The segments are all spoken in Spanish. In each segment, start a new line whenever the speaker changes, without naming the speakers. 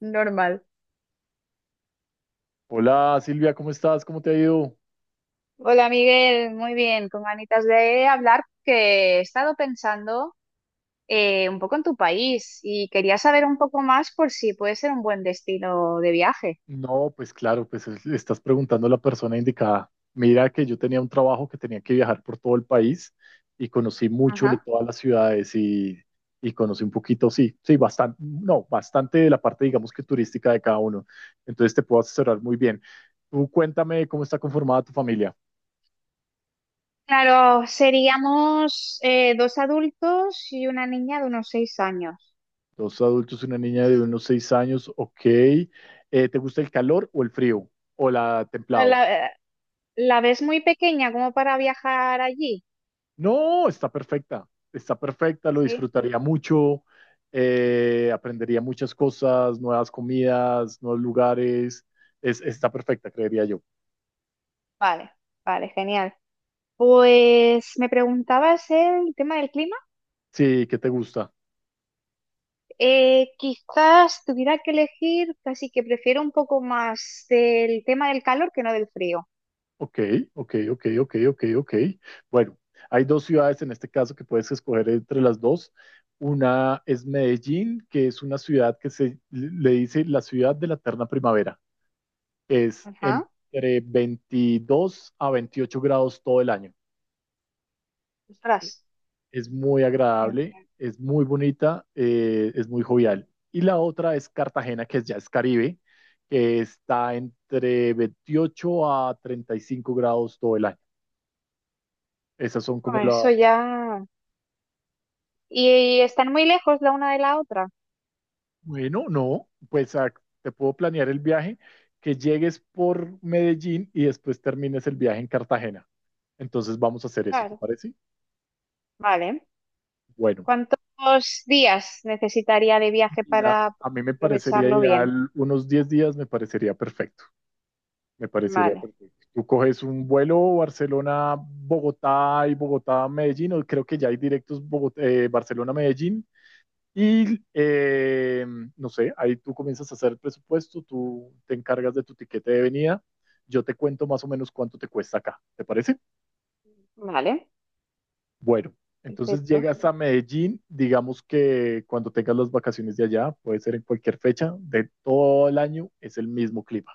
Normal.
Hola Silvia, ¿cómo estás? ¿Cómo te ha ido?
Hola Miguel, muy bien, con ganitas de hablar que he estado pensando un poco en tu país y quería saber un poco más por si puede ser un buen destino de viaje.
No, pues claro, pues le estás preguntando a la persona indicada. Mira que yo tenía un trabajo que tenía que viajar por todo el país y conocí mucho de
Ajá.
todas las ciudades y conocí un poquito, sí, sí, bastante, no, bastante de la parte, digamos que turística de cada uno. Entonces te puedo asesorar muy bien. Tú cuéntame cómo está conformada tu familia.
Claro, seríamos dos adultos y una niña de unos 6 años.
Dos adultos y una niña de unos 6 años, ok. ¿Te gusta el calor o el frío? ¿O la templado?
¿La, la ves muy pequeña como para viajar allí?
No, está perfecta, lo
Sí.
disfrutaría mucho, aprendería muchas cosas, nuevas comidas, nuevos lugares, está perfecta, creería yo.
Vale, vale, genial. Pues me preguntabas el tema del clima.
Sí, ¿qué te gusta?
Quizás tuviera que elegir, casi que prefiero un poco más del tema del calor que no del frío.
Ok, ok, ok, ok, ok, ok. Bueno, hay dos ciudades en este caso que puedes escoger entre las dos. Una es Medellín, que es una ciudad que se le dice la ciudad de la eterna primavera, es
Ajá.
entre 22 a 28 grados todo el año.
Ostras.
Es muy agradable,
Eh,
es muy bonita, es muy jovial. Y la otra es Cartagena, que ya es Caribe, que está entre 28 a 35 grados todo el año. Esas son como
bueno,
la.
eso ya. ¿Y, están muy lejos la una de la otra?
Bueno, no, pues te puedo planear el viaje, que llegues por Medellín y después termines el viaje en Cartagena. Entonces vamos a hacer eso, ¿te
Claro.
parece?
Vale.
Bueno,
¿Cuántos días necesitaría de viaje
mira,
para
a mí me parecería
aprovecharlo bien?
ideal, unos 10 días me parecería perfecto. Me parecería
Vale.
perfecto. Tú coges un vuelo Barcelona-Bogotá y Bogotá-Medellín, o creo que ya hay directos Barcelona-Medellín. Y no sé, ahí tú comienzas a hacer el presupuesto, tú te encargas de tu tiquete de venida. Yo te cuento más o menos cuánto te cuesta acá, ¿te parece?
Vale.
Bueno, entonces
Perfecto.
llegas a Medellín, digamos que cuando tengas las vacaciones de allá, puede ser en cualquier fecha de todo el año, es el mismo clima.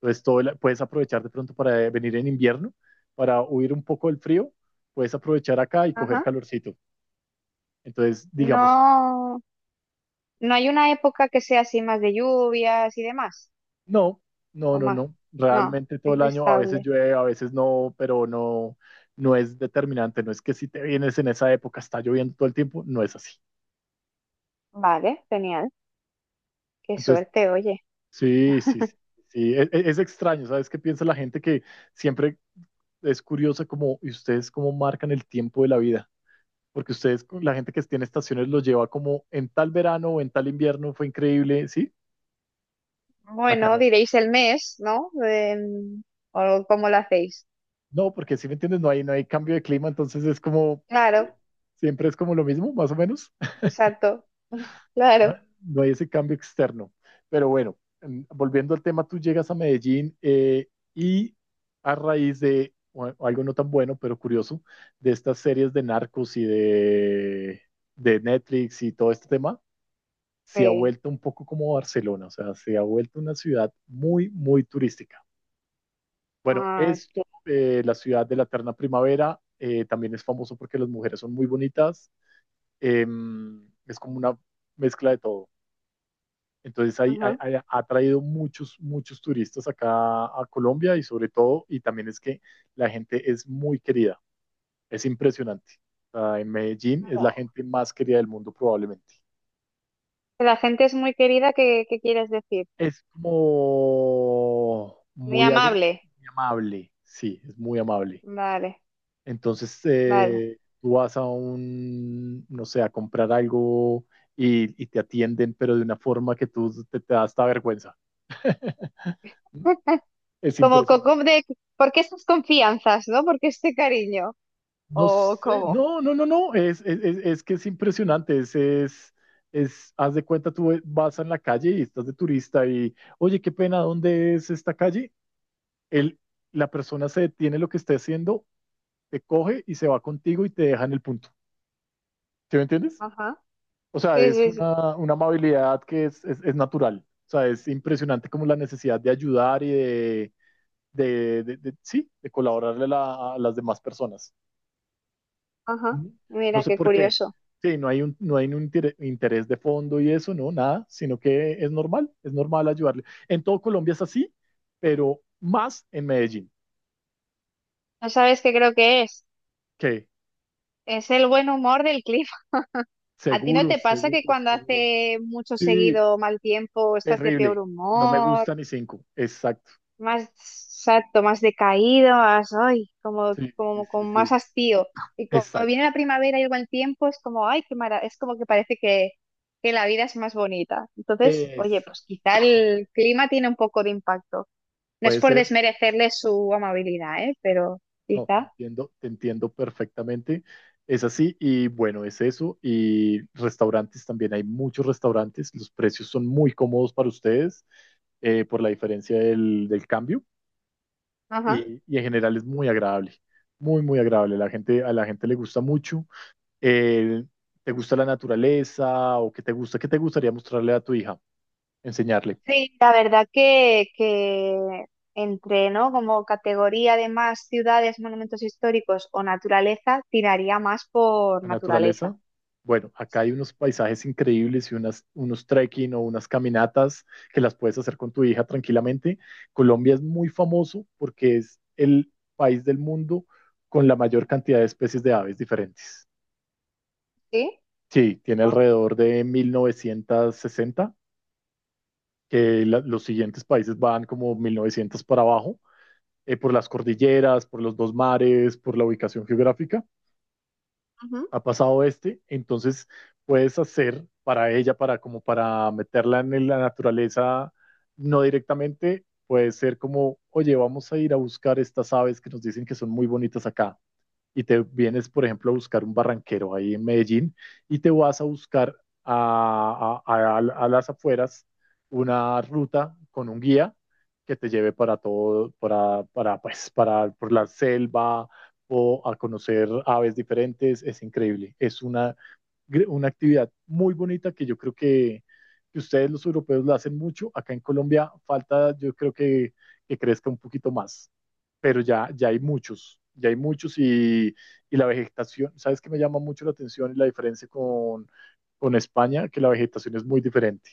Entonces, puedes aprovechar de pronto para venir en invierno, para huir un poco del frío, puedes aprovechar acá y coger
Ajá.
calorcito. Entonces, digamos,
No, no hay una época que sea así más de lluvias y demás,
no, no,
o
no,
más.
no.
No,
Realmente todo
es
el año, a veces
estable.
llueve, a veces no, pero no, no es determinante. No es que si te vienes en esa época está lloviendo todo el tiempo, no es así.
Vale, genial. Qué
Entonces,
suerte, oye.
sí, sí, sí. Sí. Es extraño. ¿Sabes qué piensa la gente? Que siempre es curiosa como, ¿y ustedes cómo marcan el tiempo de la vida? Porque ustedes, la gente que tiene estaciones los lleva como en tal verano o en tal invierno, fue increíble, ¿sí? Acá
Bueno,
no.
diréis el mes, ¿no? O cómo lo hacéis.
No, porque si me entiendes, no hay, cambio de clima, entonces es como,
Claro,
siempre es como lo mismo, más o menos.
exacto,
No,
claro.
no hay ese cambio externo. Pero bueno, volviendo al tema, tú llegas a Medellín y a raíz de bueno, algo no tan bueno, pero curioso, de estas series de narcos y de Netflix y todo este tema, se ha
Sí.
vuelto un poco como Barcelona, o sea, se ha vuelto una ciudad muy, muy turística. Bueno,
Ay,
esto, la ciudad de la eterna primavera, también es famoso porque las mujeres son muy bonitas, eh, es como una mezcla de todo. Entonces
ajá.
ha traído muchos, muchos turistas acá a Colombia y sobre todo, y también es que la gente es muy querida, es impresionante. O sea, en Medellín es la
No.
gente más querida del mundo probablemente.
La gente es muy querida, ¿qué, qué quieres decir?
Es como
Muy amable.
muy amable, sí, es muy amable.
Vale,
Entonces,
vale.
tú vas a un, no sé, a comprar algo y te atienden, pero de una forma que tú te da hasta vergüenza. Es
Como,
impresionante.
como de, ¿por qué estas confianzas, no? ¿Por qué este cariño?
No
¿O
sé,
cómo?
no, no, no, no, es que es impresionante, haz de cuenta, tú vas en la calle y estás de turista y, oye, qué pena, ¿dónde es esta calle? él, la persona se detiene lo que esté haciendo, te coge y se va contigo y te deja en el punto. ¿Sí me entiendes?
Ajá.
O sea,
Sí,
es
sí, sí.
una amabilidad que es natural. O sea, es impresionante como la necesidad de ayudar y sí, de colaborarle a las demás personas.
Ajá.
Ujú. No
Mira,
sé
qué
por qué.
curioso.
Sí, no hay un interés de fondo y eso, no, nada, sino que es normal ayudarle. En todo Colombia es así, pero más en Medellín,
¿No sabes qué creo que es?
que
Es el buen humor del cliente. ¿A ti no te
seguros,
pasa que
seguros,
cuando
seguros.
hace mucho
Sí,
seguido mal tiempo estás de peor
terrible. No me
humor,
gusta ni cinco. Exacto.
más exacto, más decaído, más, ay, como,
Sí, sí,
como
sí,
con
sí.
más hastío? Y cuando
Exacto.
viene la primavera y el buen tiempo es como, ay, qué mara, es como que parece que la vida es más bonita. Entonces, oye,
Esa.
pues quizá el clima tiene un poco de impacto. No es
Puede
por
ser.
desmerecerle su amabilidad, ¿eh? Pero
No,
quizá.
te entiendo perfectamente. Es así y bueno, es eso. Y restaurantes también. Hay muchos restaurantes. Los precios son muy cómodos para ustedes por la diferencia del cambio.
Ajá.
Y en general es muy agradable. Muy, muy agradable. La gente, a la gente le gusta mucho. Eh, ¿Te gusta la naturaleza o qué te gusta? ¿Qué te gustaría mostrarle a tu hija, enseñarle
Sí, la verdad que entre, ¿no? Como categoría de más ciudades, monumentos históricos o naturaleza, tiraría más por
a
naturaleza.
naturaleza? Bueno, acá hay
Sí.
unos paisajes increíbles y unas, unos trekking o unas caminatas que las puedes hacer con tu hija tranquilamente. Colombia es muy famoso porque es el país del mundo con la mayor cantidad de especies de aves diferentes.
¿Sí?
Sí, tiene alrededor de 1.960, que los siguientes países van como 1.900 para abajo, por las cordilleras, por los dos mares, por la ubicación geográfica.
Ujú.
Ha pasado este, entonces puedes hacer para ella, para como para meterla en la naturaleza, no directamente, puede ser como, oye, vamos a ir a buscar estas aves que nos dicen que son muy bonitas acá y te vienes, por ejemplo, a buscar un barranquero ahí en Medellín y te vas a buscar a las afueras, una ruta con un guía que te lleve para todo, pues, para por la selva o a conocer aves diferentes. Es increíble. Es una actividad muy bonita que yo creo que ustedes los europeos la hacen mucho. Acá en Colombia falta, yo creo que crezca un poquito más, pero ya, ya hay muchos y la vegetación. ¿Sabes qué me llama mucho la atención y la diferencia con España? Que la vegetación es muy diferente.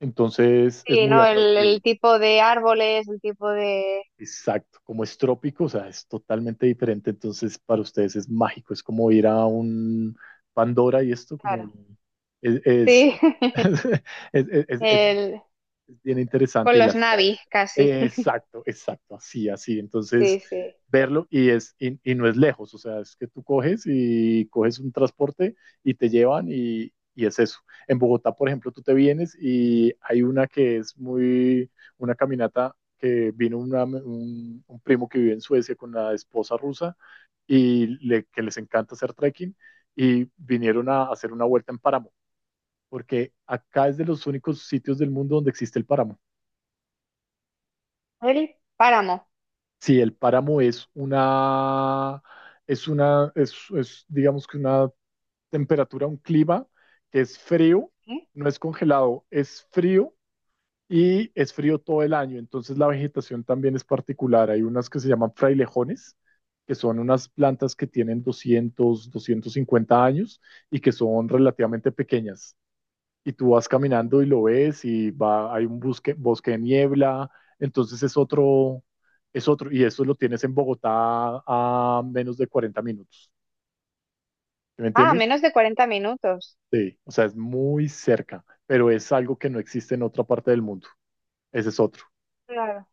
Entonces es
Sí,
muy
¿no?
atractivo.
El tipo de árboles, el tipo de...
Exacto, como es trópico, o sea, es totalmente diferente, entonces para ustedes es mágico, es como ir a un Pandora y esto como
Claro.
es, es,
Sí,
es, es- es- es
el...
es bien
con
interesante y
los
las sabes.
Navi casi.
Eh, exacto, exacto, así, así.
Sí,
Entonces,
sí.
verlo y, y no es lejos, o sea, es que tú coges y coges un transporte y te llevan y es eso. En Bogotá, por ejemplo, tú te vienes y hay una que es una caminata que vino un primo que vive en Suecia con la esposa rusa y que les encanta hacer trekking y vinieron a hacer una vuelta en páramo, porque acá es de los únicos sitios del mundo donde existe el páramo.
El páramo.
Sí, el páramo es digamos que una temperatura, un clima que es frío,
¿Eh?
no es congelado, es frío y es frío todo el año. Entonces la vegetación también es particular. Hay unas que se llaman frailejones, que son unas plantas que tienen doscientos 250 años y que son relativamente pequeñas y tú vas caminando y lo ves y hay un bosque de niebla, entonces es otro, y eso lo tienes en Bogotá a menos de 40 minutos, ¿sí, me
Ah,
entiendes?
menos de 40 minutos.
Sí, o sea, es muy cerca, pero es algo que no existe en otra parte del mundo, ese es otro.
Claro.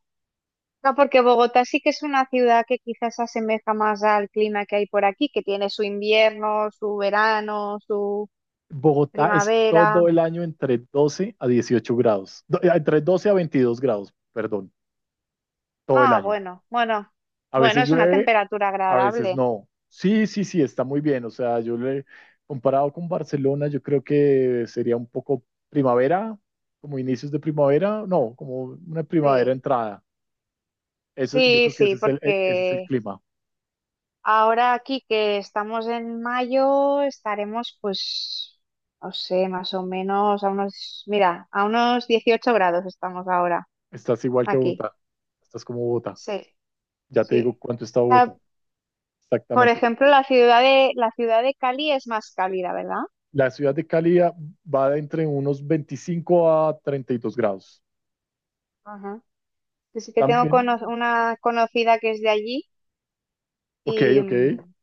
No, porque Bogotá sí que es una ciudad que quizás se asemeja más al clima que hay por aquí, que tiene su invierno, su verano, su
Bogotá es
primavera.
todo el año entre 12 a 18 grados, entre 12 a 22 grados, perdón, todo el
Ah,
año.
bueno, bueno,
A
bueno,
veces
es una
llueve,
temperatura
a veces
agradable.
no. Sí, sí, sí, está muy bien. O sea, yo le comparado con Barcelona, yo creo que sería un poco primavera, como inicios de primavera, no, como una primavera
Sí,
entrada. Eso, yo
sí,
creo que ese
sí,
es el
porque
clima.
ahora aquí que estamos en mayo, estaremos pues, no sé, más o menos a unos, mira, a unos 18 grados estamos ahora
Estás igual que
aquí.
Bogotá. Estás como Bogotá.
Sí,
Ya te digo
sí.
cuánto está Bogotá.
Ah, por
Exactamente.
ejemplo, la ciudad de Cali es más cálida, ¿verdad?
La ciudad de Cali va de entre unos 25 a 32 grados.
Ajá. Yo sí que tengo
También,
una conocida que es de allí
ok,
y,
ok.
mm,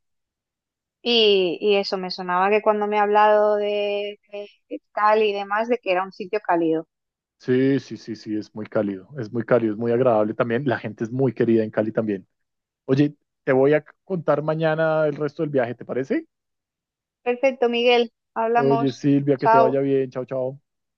y eso, me sonaba que cuando me ha hablado de, de Cali y demás, de que era un sitio cálido.
Sí, sí, sí, sí, es muy cálido, es muy cálido, es muy agradable también. La gente es muy querida en Cali también. Oye, te voy a contar mañana el resto del viaje, ¿te parece?
Perfecto, Miguel,
Oye,
hablamos.
Silvia, que te vaya
Chao.
bien, chao, chao.